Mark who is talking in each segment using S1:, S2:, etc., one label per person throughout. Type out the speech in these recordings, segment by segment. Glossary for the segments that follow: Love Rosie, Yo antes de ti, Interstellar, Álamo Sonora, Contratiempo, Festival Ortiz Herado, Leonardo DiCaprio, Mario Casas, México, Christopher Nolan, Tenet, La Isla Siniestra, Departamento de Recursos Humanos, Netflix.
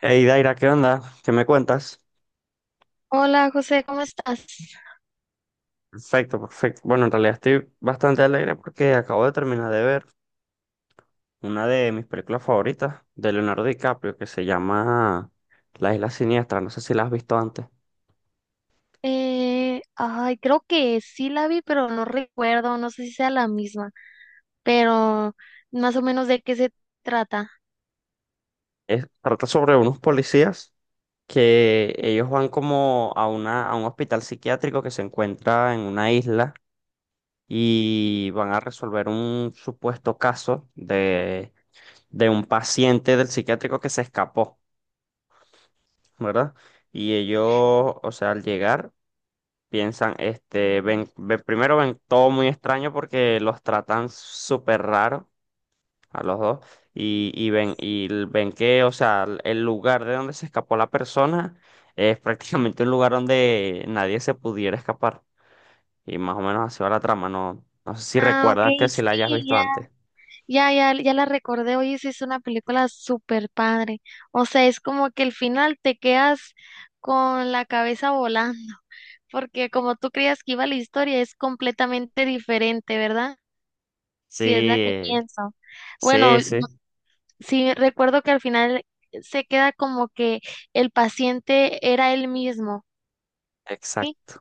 S1: Hey Daira, ¿qué onda? ¿Qué me cuentas?
S2: Hola José, ¿cómo estás?
S1: Perfecto, perfecto. Bueno, en realidad estoy bastante alegre porque acabo de terminar de ver una de mis películas favoritas de Leonardo DiCaprio que se llama La Isla Siniestra. No sé si la has visto antes.
S2: Ay, creo que sí la vi, pero no recuerdo, no sé si sea la misma, pero más o menos de qué se trata.
S1: Trata sobre unos policías que ellos van como a una, a un hospital psiquiátrico que se encuentra en una isla y van a resolver un supuesto caso de un paciente del psiquiátrico que se escapó, ¿verdad? Y ellos, o sea, al llegar, piensan, este, ven, primero ven todo muy extraño porque los tratan súper raro a los dos y ven, y ven que, o sea, el lugar de donde se escapó la persona es prácticamente un lugar donde nadie se pudiera escapar. Y más o menos así va la trama, no, no sé si
S2: Ah, ok,
S1: recuerdas que si la hayas
S2: sí,
S1: visto
S2: ya,
S1: antes.
S2: ya, ya, ya la recordé. Oye, sí, es una película súper padre. O sea, es como que el final te quedas con la cabeza volando, porque como tú creías que iba la historia, es completamente diferente, ¿verdad? Si es la que
S1: Sí,
S2: pienso. Bueno,
S1: sí, sí,
S2: sí, recuerdo que al final se queda como que el paciente era él mismo. Sí,
S1: exacto.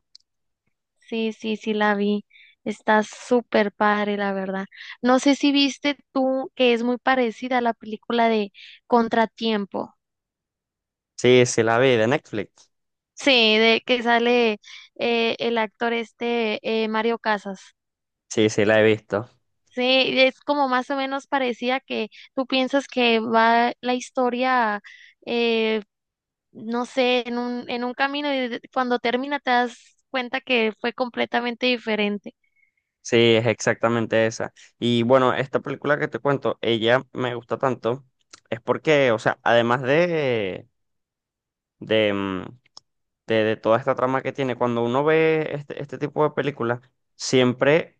S2: sí, sí, sí la vi. Está súper padre, la verdad. No sé si viste tú que es muy parecida a la película de Contratiempo.
S1: Sí, sí la vi de Netflix.
S2: Sí, de que sale el actor este Mario Casas.
S1: Sí, sí la he visto.
S2: Sí, es como más o menos parecida que tú piensas que va la historia, eh, no sé, en un camino y cuando termina te das cuenta que fue completamente diferente.
S1: Sí, es exactamente esa. Y bueno, esta película que te cuento, ella me gusta tanto, es porque, o sea, además de, de toda esta trama que tiene, cuando uno ve este, este tipo de películas, siempre,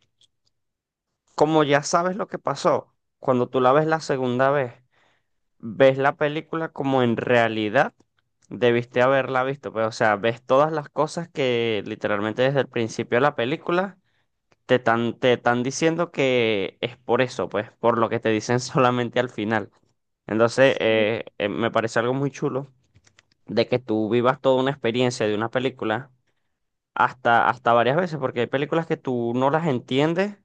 S1: como ya sabes lo que pasó, cuando tú la ves la segunda vez, ves la película como en realidad debiste haberla visto, pero, o sea, ves todas las cosas que literalmente desde el principio de la película te están, te están diciendo que es por eso, pues, por lo que te dicen solamente al final. Entonces,
S2: Sí.
S1: me parece algo muy chulo de que tú vivas toda una experiencia de una película hasta, hasta varias veces, porque hay películas que tú no las entiendes,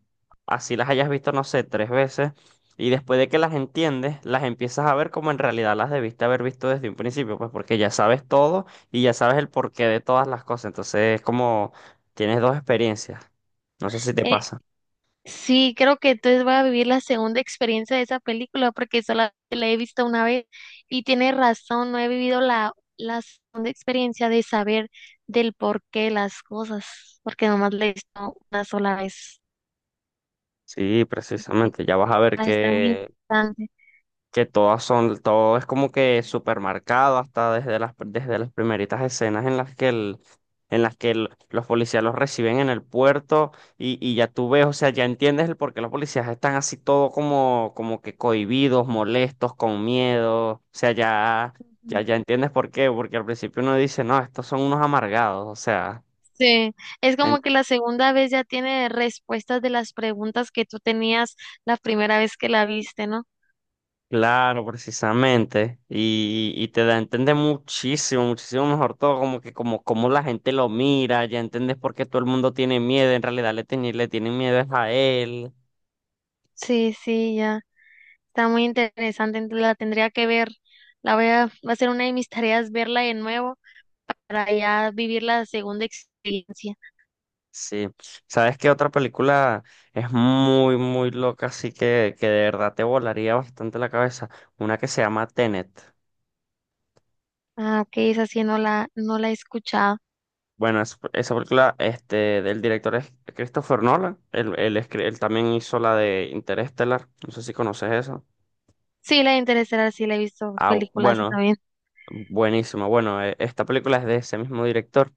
S1: así las hayas visto, no sé, tres veces, y después de que las entiendes, las empiezas a ver como en realidad las debiste haber visto desde un principio, pues, porque ya sabes todo y ya sabes el porqué de todas las cosas. Entonces, es como tienes dos experiencias. No sé si te
S2: Eh,
S1: pasa.
S2: sí, creo que entonces voy a vivir la segunda experiencia de esa película porque solamente la he visto una vez y tiene razón, no he vivido la segunda experiencia de saber del porqué de las cosas, porque nomás la he visto una sola vez.
S1: Sí,
S2: Eh,
S1: precisamente, ya vas a ver
S2: Está, está muy interesante.
S1: que todas son, todo es como que supermercado hasta desde las primeritas escenas en las que el, en las que los policías los reciben en el puerto y ya tú ves, o sea, ya entiendes el por qué los policías están así todo como, como que cohibidos, molestos, con miedo, o sea, ya, ya,
S2: Ujú.
S1: ya entiendes por qué, porque al principio uno dice, no, estos son unos amargados, o sea.
S2: Sí, es como que la segunda vez ya tiene respuestas de las preguntas que tú tenías la primera vez que la viste, ¿no?
S1: Claro, precisamente. Y te da a entender muchísimo, muchísimo mejor todo, como que como, como la gente lo mira, ya entiendes por qué todo el mundo tiene miedo, en realidad le, le tienen miedo es a él.
S2: Sí, sí, ya. Está muy interesante, la tendría que ver. Va a ser una de mis tareas verla de nuevo para ya vivir la segunda experiencia.
S1: Sí. ¿Sabes qué otra película es muy, muy loca, así que de verdad te volaría bastante la cabeza? Una que se llama Tenet.
S2: Ah, ok, esa sí no la he escuchado.
S1: Bueno, esa película este, del director es Christopher Nolan. Él, él también hizo la de Interstellar. No sé si conoces eso.
S2: Sí, la interesará, sí la he visto
S1: Ah,
S2: películas
S1: bueno,
S2: también.
S1: buenísimo. Bueno, esta película es de ese mismo director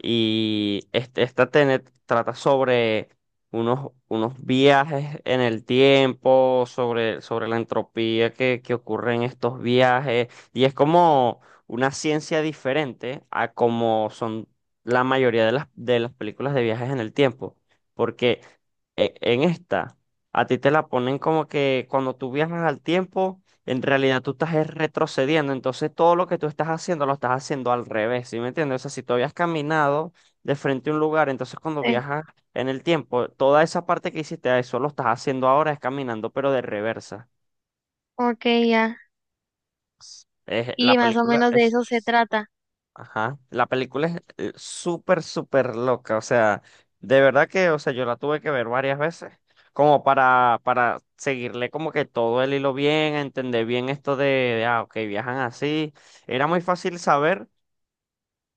S1: y este, esta trata sobre unos, unos viajes en el tiempo, sobre, sobre la entropía que ocurre en estos viajes y es como una ciencia diferente a como son la mayoría de las películas de viajes en el tiempo, porque en esta a ti te la ponen como que cuando tú viajas al tiempo en realidad tú estás es retrocediendo, entonces todo lo que tú estás haciendo lo estás haciendo al revés, ¿sí me entiendes? O sea, si tú habías caminado de frente a un lugar, entonces cuando
S2: Sí,
S1: viajas en el tiempo, toda esa parte que hiciste, eso lo estás haciendo ahora, es caminando, pero de reversa.
S2: ok, ya.
S1: Es,
S2: Y
S1: la
S2: más o
S1: película
S2: menos de
S1: es...
S2: eso se trata.
S1: Ajá. La película es súper, súper loca. O sea, de verdad que, o sea, yo la tuve que ver varias veces, como para seguirle como que todo el hilo bien, entender bien esto de, ah, ok, viajan así. Era muy fácil saber,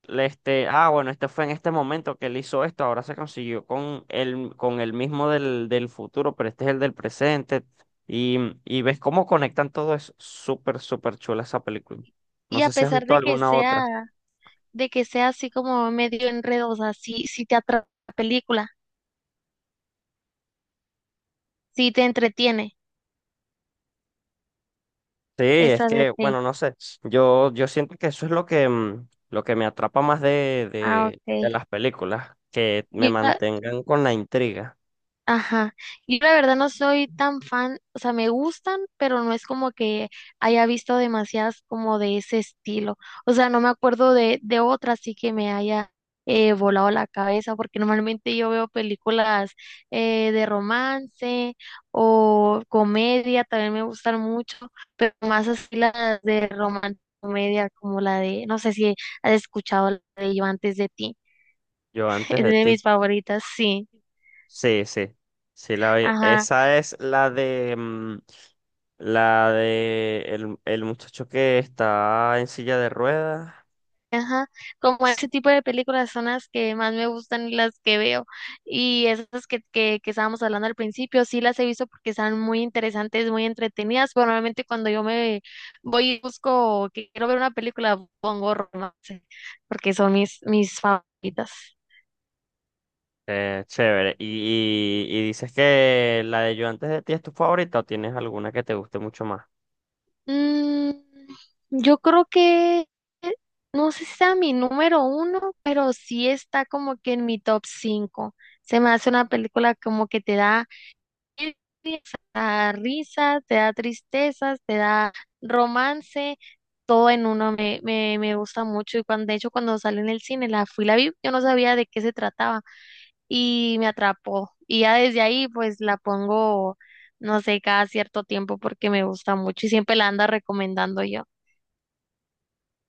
S1: este, ah, bueno, este fue en este momento que él hizo esto, ahora se consiguió con el mismo del, del futuro, pero este es el del presente. Y, y ves cómo conectan todo eso. Súper, súper chula esa película. No
S2: Y a
S1: sé si has
S2: pesar
S1: visto
S2: de que
S1: alguna otra.
S2: sea de que sea así como medio enredosa, si te atrapa la película, si te entretiene,
S1: Sí, es
S2: esa de
S1: que,
S2: T.
S1: bueno, no sé, yo siento que eso es lo que, lo que me atrapa más
S2: Ah, ok.
S1: de las películas, que me
S2: Yo,
S1: mantengan con la intriga.
S2: ajá, yo la verdad no soy tan fan, o sea, me gustan, pero no es como que haya visto demasiadas como de ese estilo. O sea, no me acuerdo de otra así que me haya volado la cabeza, porque normalmente yo veo películas, de romance o comedia, también me gustan mucho, pero más así las de romance, comedia, como la de, no sé si has escuchado la de Yo antes de ti,
S1: Yo antes
S2: es
S1: de
S2: de
S1: ti.
S2: mis favoritas, sí.
S1: Sí, sí, sí, la vi.
S2: Ajá.
S1: Esa es la de, la de el muchacho que está en silla de ruedas.
S2: Ajá, como
S1: S-
S2: ese tipo de películas son las que más me gustan y las que veo. Y esas que estábamos hablando al principio, sí las he visto porque están muy interesantes, muy entretenidas. Pero normalmente cuando yo me voy y busco que quiero ver una película, pongo romance, porque son mis favoritas.
S1: Chévere. ¿Y, y dices que la de Yo antes de ti es tu favorita o tienes alguna que te guste mucho más?
S2: Mm, yo creo que, no sé si sea mi número uno, pero sí está como que en mi top cinco. Se me hace una película como que te da risas, te da tristezas, te da romance, todo en uno me gusta mucho. Y cuando, de hecho, cuando sale en el cine, la vi, yo no sabía de qué se trataba y me atrapó. Y ya desde ahí, pues la pongo, no sé, cada cierto tiempo porque me gusta mucho y siempre la ando recomendando yo.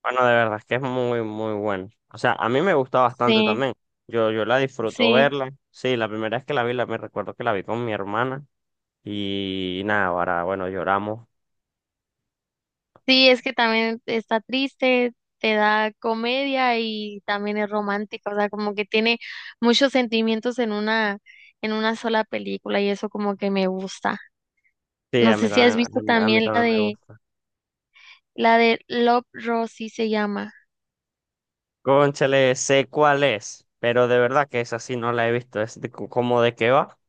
S1: Bueno, de verdad es que es muy, muy bueno. O sea, a mí me gusta bastante
S2: Sí,
S1: también. Yo la disfruto
S2: sí.
S1: verla. Sí, la primera vez que la vi, la, me recuerdo que la vi con mi hermana. Y nada, ahora, bueno, lloramos.
S2: Sí, es que también está triste, te da comedia y también es romántica, o sea, como que tiene muchos sentimientos en una sola película y eso como que me gusta.
S1: Sí,
S2: No sé si has visto
S1: a mí
S2: también la
S1: también me
S2: de
S1: gusta.
S2: la de Love Rosie se llama.
S1: Cónchale, sé cuál es, pero de verdad que esa sí no la he visto. Es de, como de qué va.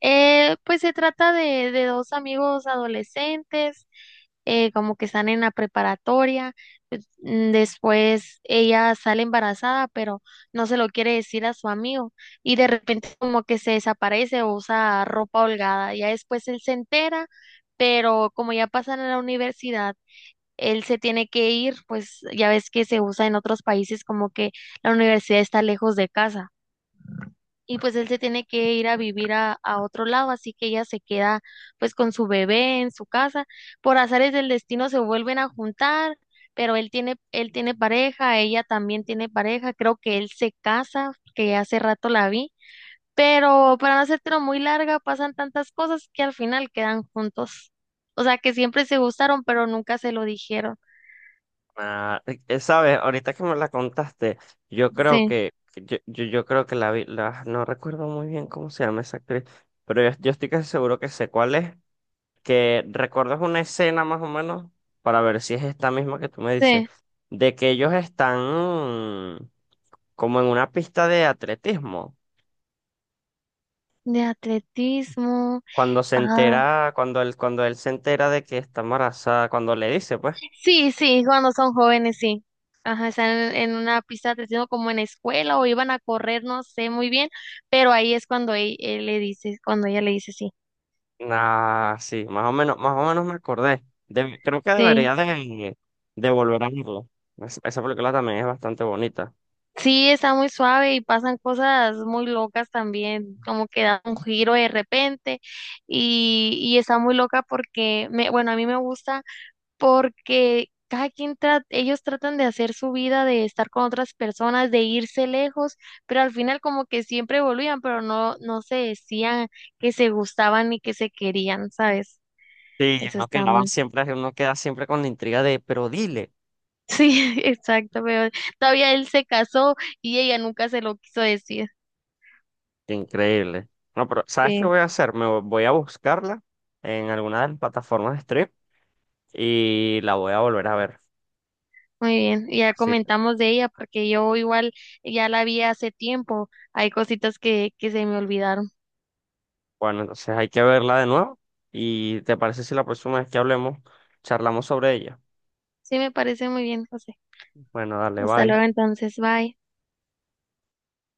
S2: Pues se trata de dos amigos adolescentes, como que están en la preparatoria. Pues, después ella sale embarazada, pero no se lo quiere decir a su amigo y de repente como que se desaparece o usa ropa holgada. Ya después él se entera, pero como ya pasan a la universidad, él se tiene que ir, pues ya ves que se usa en otros países como que la universidad está lejos de casa y pues él se tiene que ir a vivir a otro lado, así que ella se queda pues con su bebé en su casa. Por azares del destino se vuelven a juntar, pero él tiene pareja, ella también tiene pareja, creo que él se casa, que hace rato la vi, pero para no hacértelo muy larga, pasan tantas cosas que al final quedan juntos. O sea que siempre se gustaron, pero nunca se lo dijeron.
S1: Ah, ¿sabes? Ahorita que me la contaste, yo creo
S2: Sí,
S1: que, yo creo que la vi, la, no recuerdo muy bien cómo se llama esa actriz, pero yo estoy casi seguro que sé cuál es. Que recuerdas una escena más o menos, para ver si es esta misma que tú me dices,
S2: sí.
S1: de que ellos están mm, como en una pista de atletismo,
S2: De atletismo.
S1: cuando se
S2: Ah,
S1: entera, cuando él se entera de que está embarazada, cuando le dice, pues,
S2: sí, sí, cuando son jóvenes, sí. Ajá, están en una pista de atletismo como en la escuela o iban a correr, no sé muy bien, pero ahí es cuando él le dice, cuando ella le dice sí.
S1: nah, sí, más o menos me acordé. Creo que
S2: Sí,
S1: debería de volver a verlo. Esa película también es bastante bonita.
S2: sí, está muy suave y pasan cosas muy locas también, como que da un giro de repente y está muy loca porque, bueno, a mí me gusta, porque cada quien ellos tratan de hacer su vida, de estar con otras personas, de irse lejos, pero al final como que siempre volvían, pero no se decían que se gustaban ni que se querían, ¿sabes?
S1: Sí,
S2: Eso
S1: uno
S2: está
S1: quedaba
S2: muy...
S1: siempre, uno queda siempre con la intriga de, pero dile.
S2: Sí, exacto, pero todavía él se casó y ella nunca se lo quiso decir.
S1: Qué increíble. No, pero ¿sabes qué
S2: Sí,
S1: voy a hacer? Me voy a buscarla en alguna de las plataformas de stream y la voy a volver a ver.
S2: muy bien. Ya
S1: Así.
S2: comentamos de ella porque yo igual ya la vi hace tiempo. Hay cositas que se me olvidaron.
S1: Bueno, entonces hay que verla de nuevo. ¿Y te parece si la próxima vez que hablemos, charlamos sobre ella?
S2: Sí, me parece muy bien, José.
S1: Bueno, dale,
S2: Hasta luego
S1: bye.
S2: entonces, bye.